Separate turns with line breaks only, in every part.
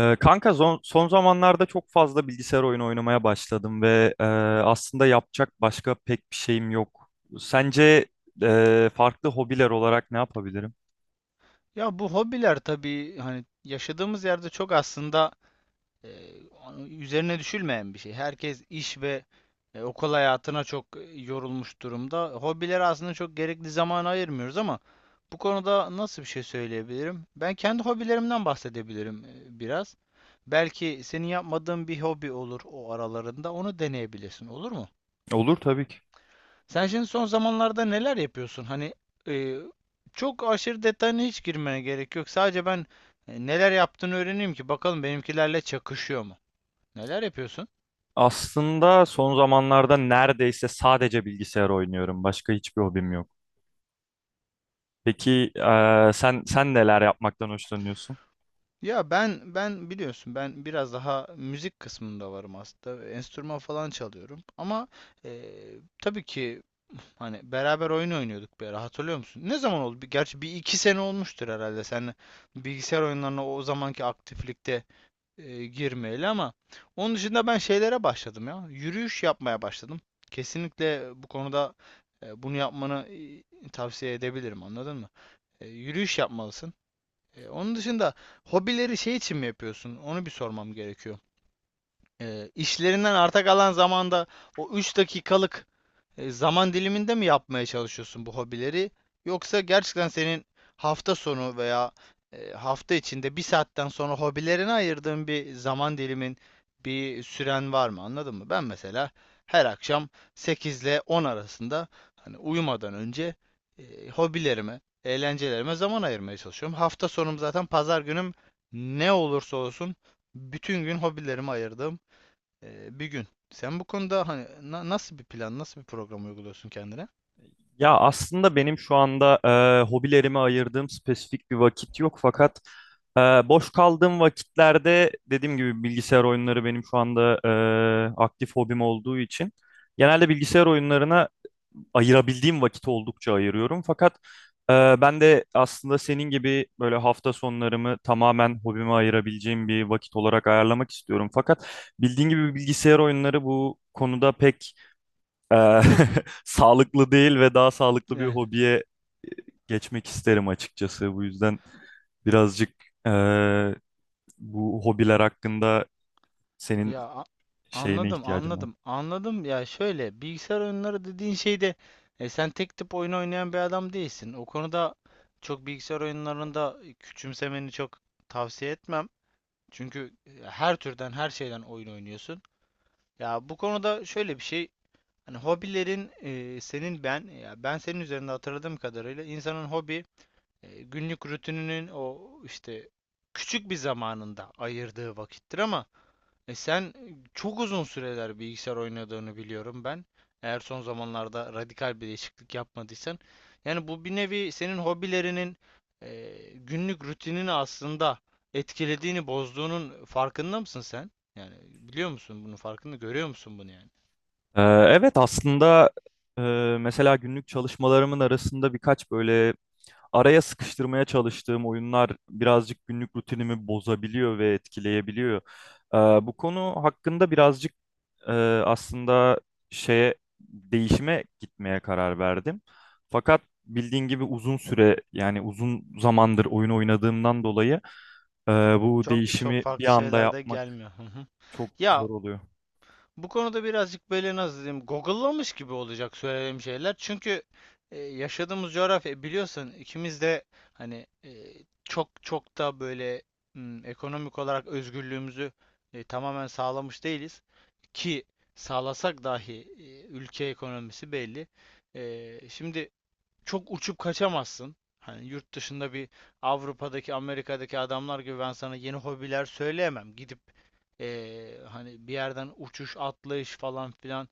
Kanka son zamanlarda çok fazla bilgisayar oyunu oynamaya başladım ve aslında yapacak başka pek bir şeyim yok. Sence farklı hobiler olarak ne yapabilirim?
Ya bu hobiler tabii hani yaşadığımız yerde çok aslında e, üzerine düşülmeyen bir şey. Herkes iş ve okul hayatına çok yorulmuş durumda. Hobilere aslında çok gerekli zaman ayırmıyoruz ama bu konuda nasıl bir şey söyleyebilirim? Ben kendi hobilerimden bahsedebilirim biraz. Belki senin yapmadığın bir hobi olur o aralarında. Onu deneyebilirsin, olur mu?
Olur tabii ki.
Sen şimdi son zamanlarda neler yapıyorsun? E, Çok aşırı detayına hiç girmeye gerek yok. Sadece ben neler yaptığını öğreneyim ki bakalım benimkilerle çakışıyor mu? Neler yapıyorsun?
Aslında son zamanlarda neredeyse sadece bilgisayar oynuyorum. Başka hiçbir hobim yok. Peki sen neler yapmaktan hoşlanıyorsun?
Ya ben biliyorsun ben biraz daha müzik kısmında varım aslında. Enstrüman falan çalıyorum. Ama e, tabii ki hani beraber oyun oynuyorduk bir ara hatırlıyor musun? Ne zaman oldu? Gerçi bir iki sene olmuştur herhalde. Sen bilgisayar oyunlarına o zamanki aktiflikte girmeyeli ama onun dışında ben şeylere başladım ya. Yürüyüş yapmaya başladım. Kesinlikle bu konuda bunu yapmanı tavsiye edebilirim, anladın mı? Yürüyüş yapmalısın. Onun dışında hobileri şey için mi yapıyorsun? Onu bir sormam gerekiyor. İşlerinden arta kalan zamanda o 3 dakikalık zaman diliminde mi yapmaya çalışıyorsun bu hobileri? Yoksa gerçekten senin hafta sonu veya hafta içinde bir saatten sonra hobilerine ayırdığın bir zaman dilimin, bir süren var mı? Anladın mı? Ben mesela her akşam 8 ile 10 arasında hani uyumadan önce hobilerime, eğlencelerime zaman ayırmaya çalışıyorum. Hafta sonum zaten, pazar günüm ne olursa olsun bütün gün hobilerime ayırdığım bir gün. Sen bu konuda hani nasıl bir plan, nasıl bir program uyguluyorsun kendine?
Ya aslında benim şu anda hobilerime ayırdığım spesifik bir vakit yok, fakat boş kaldığım vakitlerde dediğim gibi bilgisayar oyunları benim şu anda aktif hobim olduğu için genelde bilgisayar oyunlarına ayırabildiğim vakit oldukça ayırıyorum. Fakat ben de aslında senin gibi böyle hafta sonlarımı tamamen hobime ayırabileceğim bir vakit olarak ayarlamak istiyorum. Fakat bildiğin gibi bilgisayar oyunları bu konuda pek Eee, sağlıklı değil ve daha sağlıklı bir
Yani
hobiye geçmek isterim açıkçası. Bu yüzden birazcık eee, bu hobiler hakkında senin
ya a-
şeyine
anladım,
ihtiyacım var.
anladım, anladım. Ya şöyle, bilgisayar oyunları dediğin şeyde sen tek tip oyun oynayan bir adam değilsin. O konuda çok bilgisayar oyunlarında küçümsemeni çok tavsiye etmem. Çünkü her türden, her şeyden oyun oynuyorsun. Ya bu konuda şöyle bir şey. Hani hobilerin e, senin ben ya ben senin üzerinde hatırladığım kadarıyla insanın hobi, günlük rutininin o işte küçük bir zamanında ayırdığı vakittir ama e, sen e, çok uzun süreler bilgisayar oynadığını biliyorum ben. Eğer son zamanlarda radikal bir değişiklik yapmadıysan. Yani bu bir nevi senin hobilerinin günlük rutinini aslında etkilediğini, bozduğunun farkında mısın sen? Yani biliyor musun bunun farkında, görüyor musun bunu yani?
Eee, evet aslında mesela günlük çalışmalarımın arasında birkaç böyle araya sıkıştırmaya çalıştığım oyunlar birazcık günlük rutinimi bozabiliyor ve etkileyebiliyor. Bu konu hakkında birazcık e, aslında şeye değişime gitmeye karar verdim. Fakat bildiğin gibi uzun süre yani uzun zamandır oyun oynadığımdan dolayı e, bu
Çok çok
değişimi bir
farklı
anda
şeyler de
yapmak
gelmiyor. Hı hı.
çok
Ya
zor oluyor.
Bu konuda birazcık böyle nasıl diyeyim, google'lamış gibi olacak söylediğim şeyler. Çünkü yaşadığımız coğrafya, biliyorsun ikimiz de hani çok çok da böyle ekonomik olarak özgürlüğümüzü tamamen sağlamış değiliz. Ki sağlasak dahi ülke ekonomisi belli. Şimdi çok uçup kaçamazsın. Hani yurt dışında bir Avrupa'daki, Amerika'daki adamlar gibi ben sana yeni hobiler söyleyemem. Gidip hani bir yerden uçuş, atlayış falan filan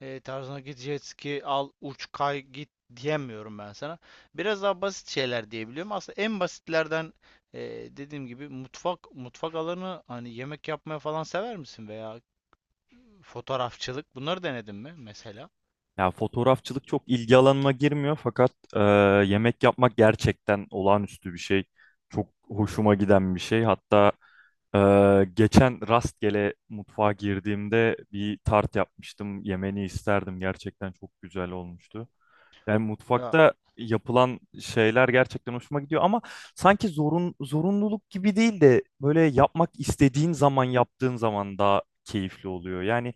tarzına, git jet ski al, uç, kay, git diyemiyorum ben sana. Biraz daha basit şeyler diyebiliyorum. Aslında en basitlerden dediğim gibi mutfak alanı, hani yemek yapmaya falan sever misin veya fotoğrafçılık, bunları denedin mi mesela?
Ya fotoğrafçılık çok ilgi alanıma girmiyor fakat yemek yapmak gerçekten olağanüstü bir şey. Çok hoşuma giden bir şey. Hatta e, geçen rastgele mutfağa girdiğimde bir tart yapmıştım. Yemeni isterdim. Gerçekten çok güzel olmuştu. Yani
Ya,
mutfakta yapılan şeyler gerçekten hoşuma gidiyor ama sanki zorunluluk gibi değil de böyle yapmak istediğin zaman yaptığın zaman daha keyifli oluyor. Yani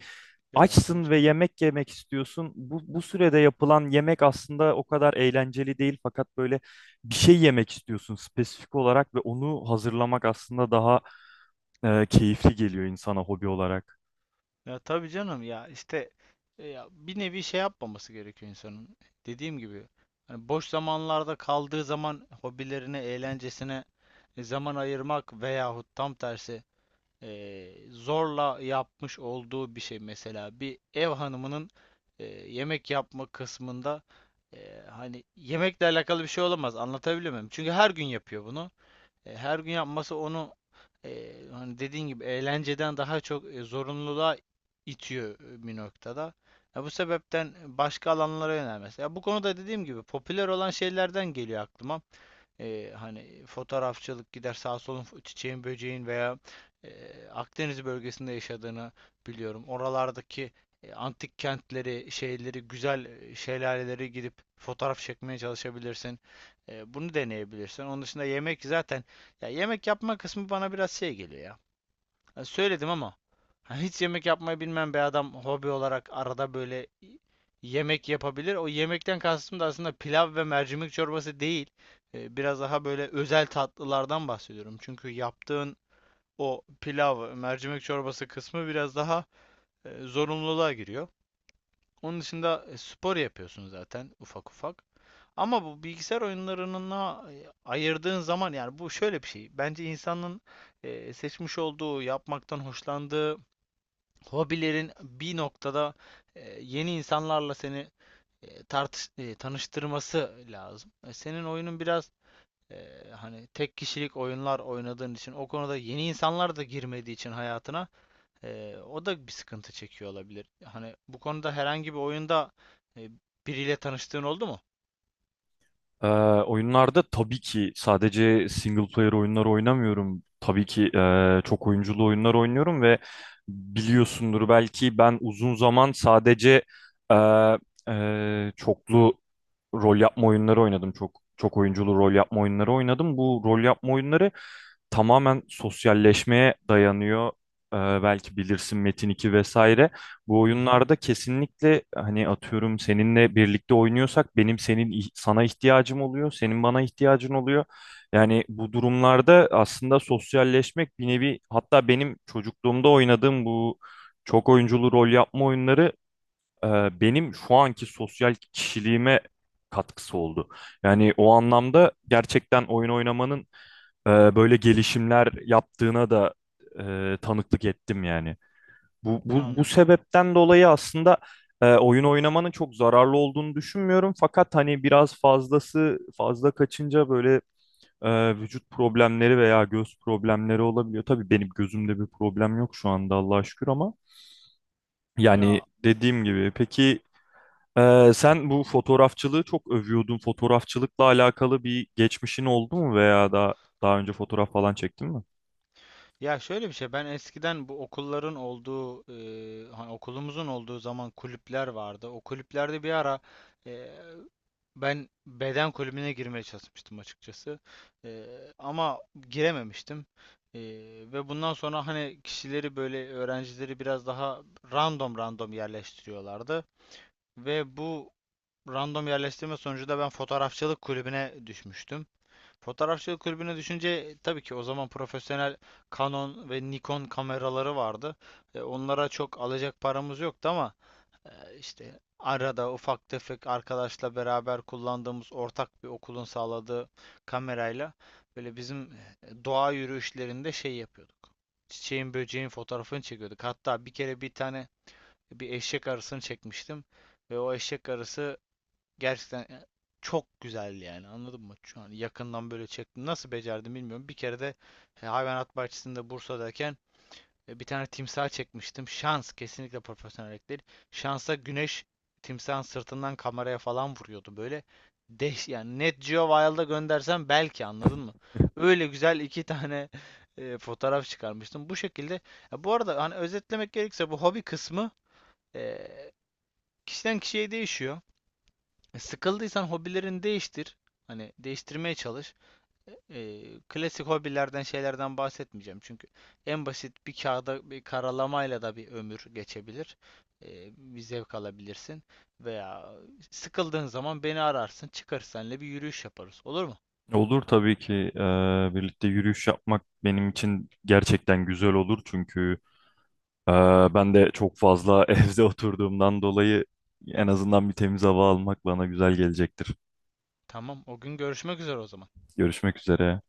ya tabii
açsın ve
canım.
yemek yemek istiyorsun. Bu sürede yapılan yemek aslında o kadar eğlenceli değil, fakat böyle bir şey yemek istiyorsun spesifik olarak ve onu hazırlamak aslında daha keyifli geliyor insana hobi olarak.
Ya tabii canım, ya işte ya bir nevi şey yapmaması gerekiyor insanın. Dediğim gibi hani boş zamanlarda kaldığı zaman hobilerine, eğlencesine zaman ayırmak veyahut tam tersi zorla yapmış olduğu bir şey, mesela bir ev hanımının yemek yapma kısmında hani yemekle alakalı bir şey olamaz. Anlatabiliyor muyum? Çünkü her gün yapıyor bunu. Her gün yapması onu hani dediğin gibi eğlenceden daha çok zorunluluğa itiyor bir noktada. Ya bu sebepten başka alanlara yönelmesi. Ya bu konuda dediğim gibi popüler olan şeylerden geliyor aklıma. Hani fotoğrafçılık, gider sağ solun çiçeğin böceğin veya e, Akdeniz bölgesinde yaşadığını biliyorum. Oralardaki antik kentleri, şeyleri, güzel şelaleleri gidip fotoğraf çekmeye çalışabilirsin. Bunu deneyebilirsin. Onun dışında yemek zaten, ya yemek yapma kısmı bana biraz şey geliyor ya. Ya söyledim ama hani hiç yemek yapmayı bilmem bir adam hobi olarak arada böyle yemek yapabilir. O yemekten kastım da aslında pilav ve mercimek çorbası değil. Biraz daha böyle özel tatlılardan bahsediyorum. Çünkü yaptığın o pilav, mercimek çorbası kısmı biraz daha zorunluluğa giriyor. Onun dışında spor yapıyorsun zaten ufak ufak. Ama bu bilgisayar oyunlarına ayırdığın zaman, yani bu şöyle bir şey. Bence insanın seçmiş olduğu, yapmaktan hoşlandığı hobilerin bir noktada yeni insanlarla seni tanıştırması lazım. Senin oyunun biraz hani tek kişilik oyunlar oynadığın için, o konuda yeni insanlar da girmediği için hayatına, o da bir sıkıntı çekiyor olabilir. Hani bu konuda herhangi bir oyunda e, biriyle tanıştığın oldu mu?
Ee, oyunlarda tabii ki sadece single player oyunları oynamıyorum. Tabii ki çok oyunculu oyunlar oynuyorum ve biliyorsundur belki ben uzun zaman sadece e, çoklu rol yapma oyunları oynadım. Çok oyunculu rol yapma oyunları oynadım. Bu rol yapma oyunları tamamen sosyalleşmeye dayanıyor. Ee, belki bilirsin Metin 2 vesaire. Bu
Hı hı.
oyunlarda kesinlikle hani atıyorum seninle birlikte oynuyorsak benim sana ihtiyacım oluyor, senin bana ihtiyacın oluyor. Yani bu durumlarda aslında sosyalleşmek bir nevi, hatta benim çocukluğumda oynadığım bu çok oyunculu rol yapma oyunları e, benim şu anki sosyal kişiliğime katkısı oldu. Yani o anlamda gerçekten oyun oynamanın böyle gelişimler yaptığına da tanıklık ettim yani. Bu
Anladım.
sebepten dolayı aslında oyun oynamanın çok zararlı olduğunu düşünmüyorum. Fakat hani biraz fazla kaçınca böyle vücut problemleri veya göz problemleri olabiliyor. Tabii benim gözümde bir problem yok şu anda Allah'a şükür, ama yani
Ya
dediğim gibi, peki sen bu fotoğrafçılığı çok övüyordun. Fotoğrafçılıkla alakalı bir geçmişin oldu mu veya daha önce fotoğraf falan çektin mi?
Ya şöyle bir şey, ben eskiden bu okulların olduğu hani okulumuzun olduğu zaman kulüpler vardı. O kulüplerde bir ara e, ben beden kulübüne girmeye çalışmıştım açıkçası. E, Ama girememiştim. E, Ve bundan sonra hani kişileri böyle, öğrencileri biraz daha random yerleştiriyorlardı. Ve bu random yerleştirme sonucu da ben fotoğrafçılık kulübüne düşmüştüm. Fotoğrafçılık kulübüne düşünce tabii ki o zaman profesyonel Canon ve Nikon kameraları vardı. Onlara çok alacak paramız yoktu ama e, işte arada ufak tefek arkadaşla beraber kullandığımız, ortak bir okulun sağladığı kamerayla böyle bizim doğa yürüyüşlerinde şey yapıyorduk. Çiçeğin böceğin fotoğrafını çekiyorduk. Hatta bir kere bir tane bir eşek arısını çekmiştim ve o eşek arısı, gerçekten ya, çok güzel yani anladın mı? Şu an yakından böyle çektim. Nasıl becerdim bilmiyorum. Bir kere de hayvanat bahçesinde Bursa'dayken bir tane timsah çekmiştim. Şans, kesinlikle profesyonellik değil. Şansa güneş timsahın sırtından kameraya falan vuruyordu böyle. Deş yani Net Geo Wild'a göndersem belki, anladın mı? Öyle güzel iki tane fotoğraf çıkarmıştım. Bu şekilde. Ya bu arada hani özetlemek gerekirse, bu hobi kısmı e, kişiden kişiye değişiyor. Sıkıldıysan hobilerini değiştir. Hani değiştirmeye çalış. E, Klasik hobilerden, şeylerden bahsetmeyeceğim. Çünkü en basit bir kağıda bir karalamayla da bir ömür geçebilir. Bir zevk alabilirsin. Veya sıkıldığın zaman beni ararsın. Çıkarız seninle bir yürüyüş yaparız. Olur mu?
Olur tabii ki, birlikte yürüyüş yapmak benim için gerçekten güzel olur çünkü ben de çok fazla evde oturduğumdan dolayı en azından bir temiz hava almak bana güzel gelecektir.
Tamam. O gün görüşmek üzere o zaman.
Görüşmek üzere.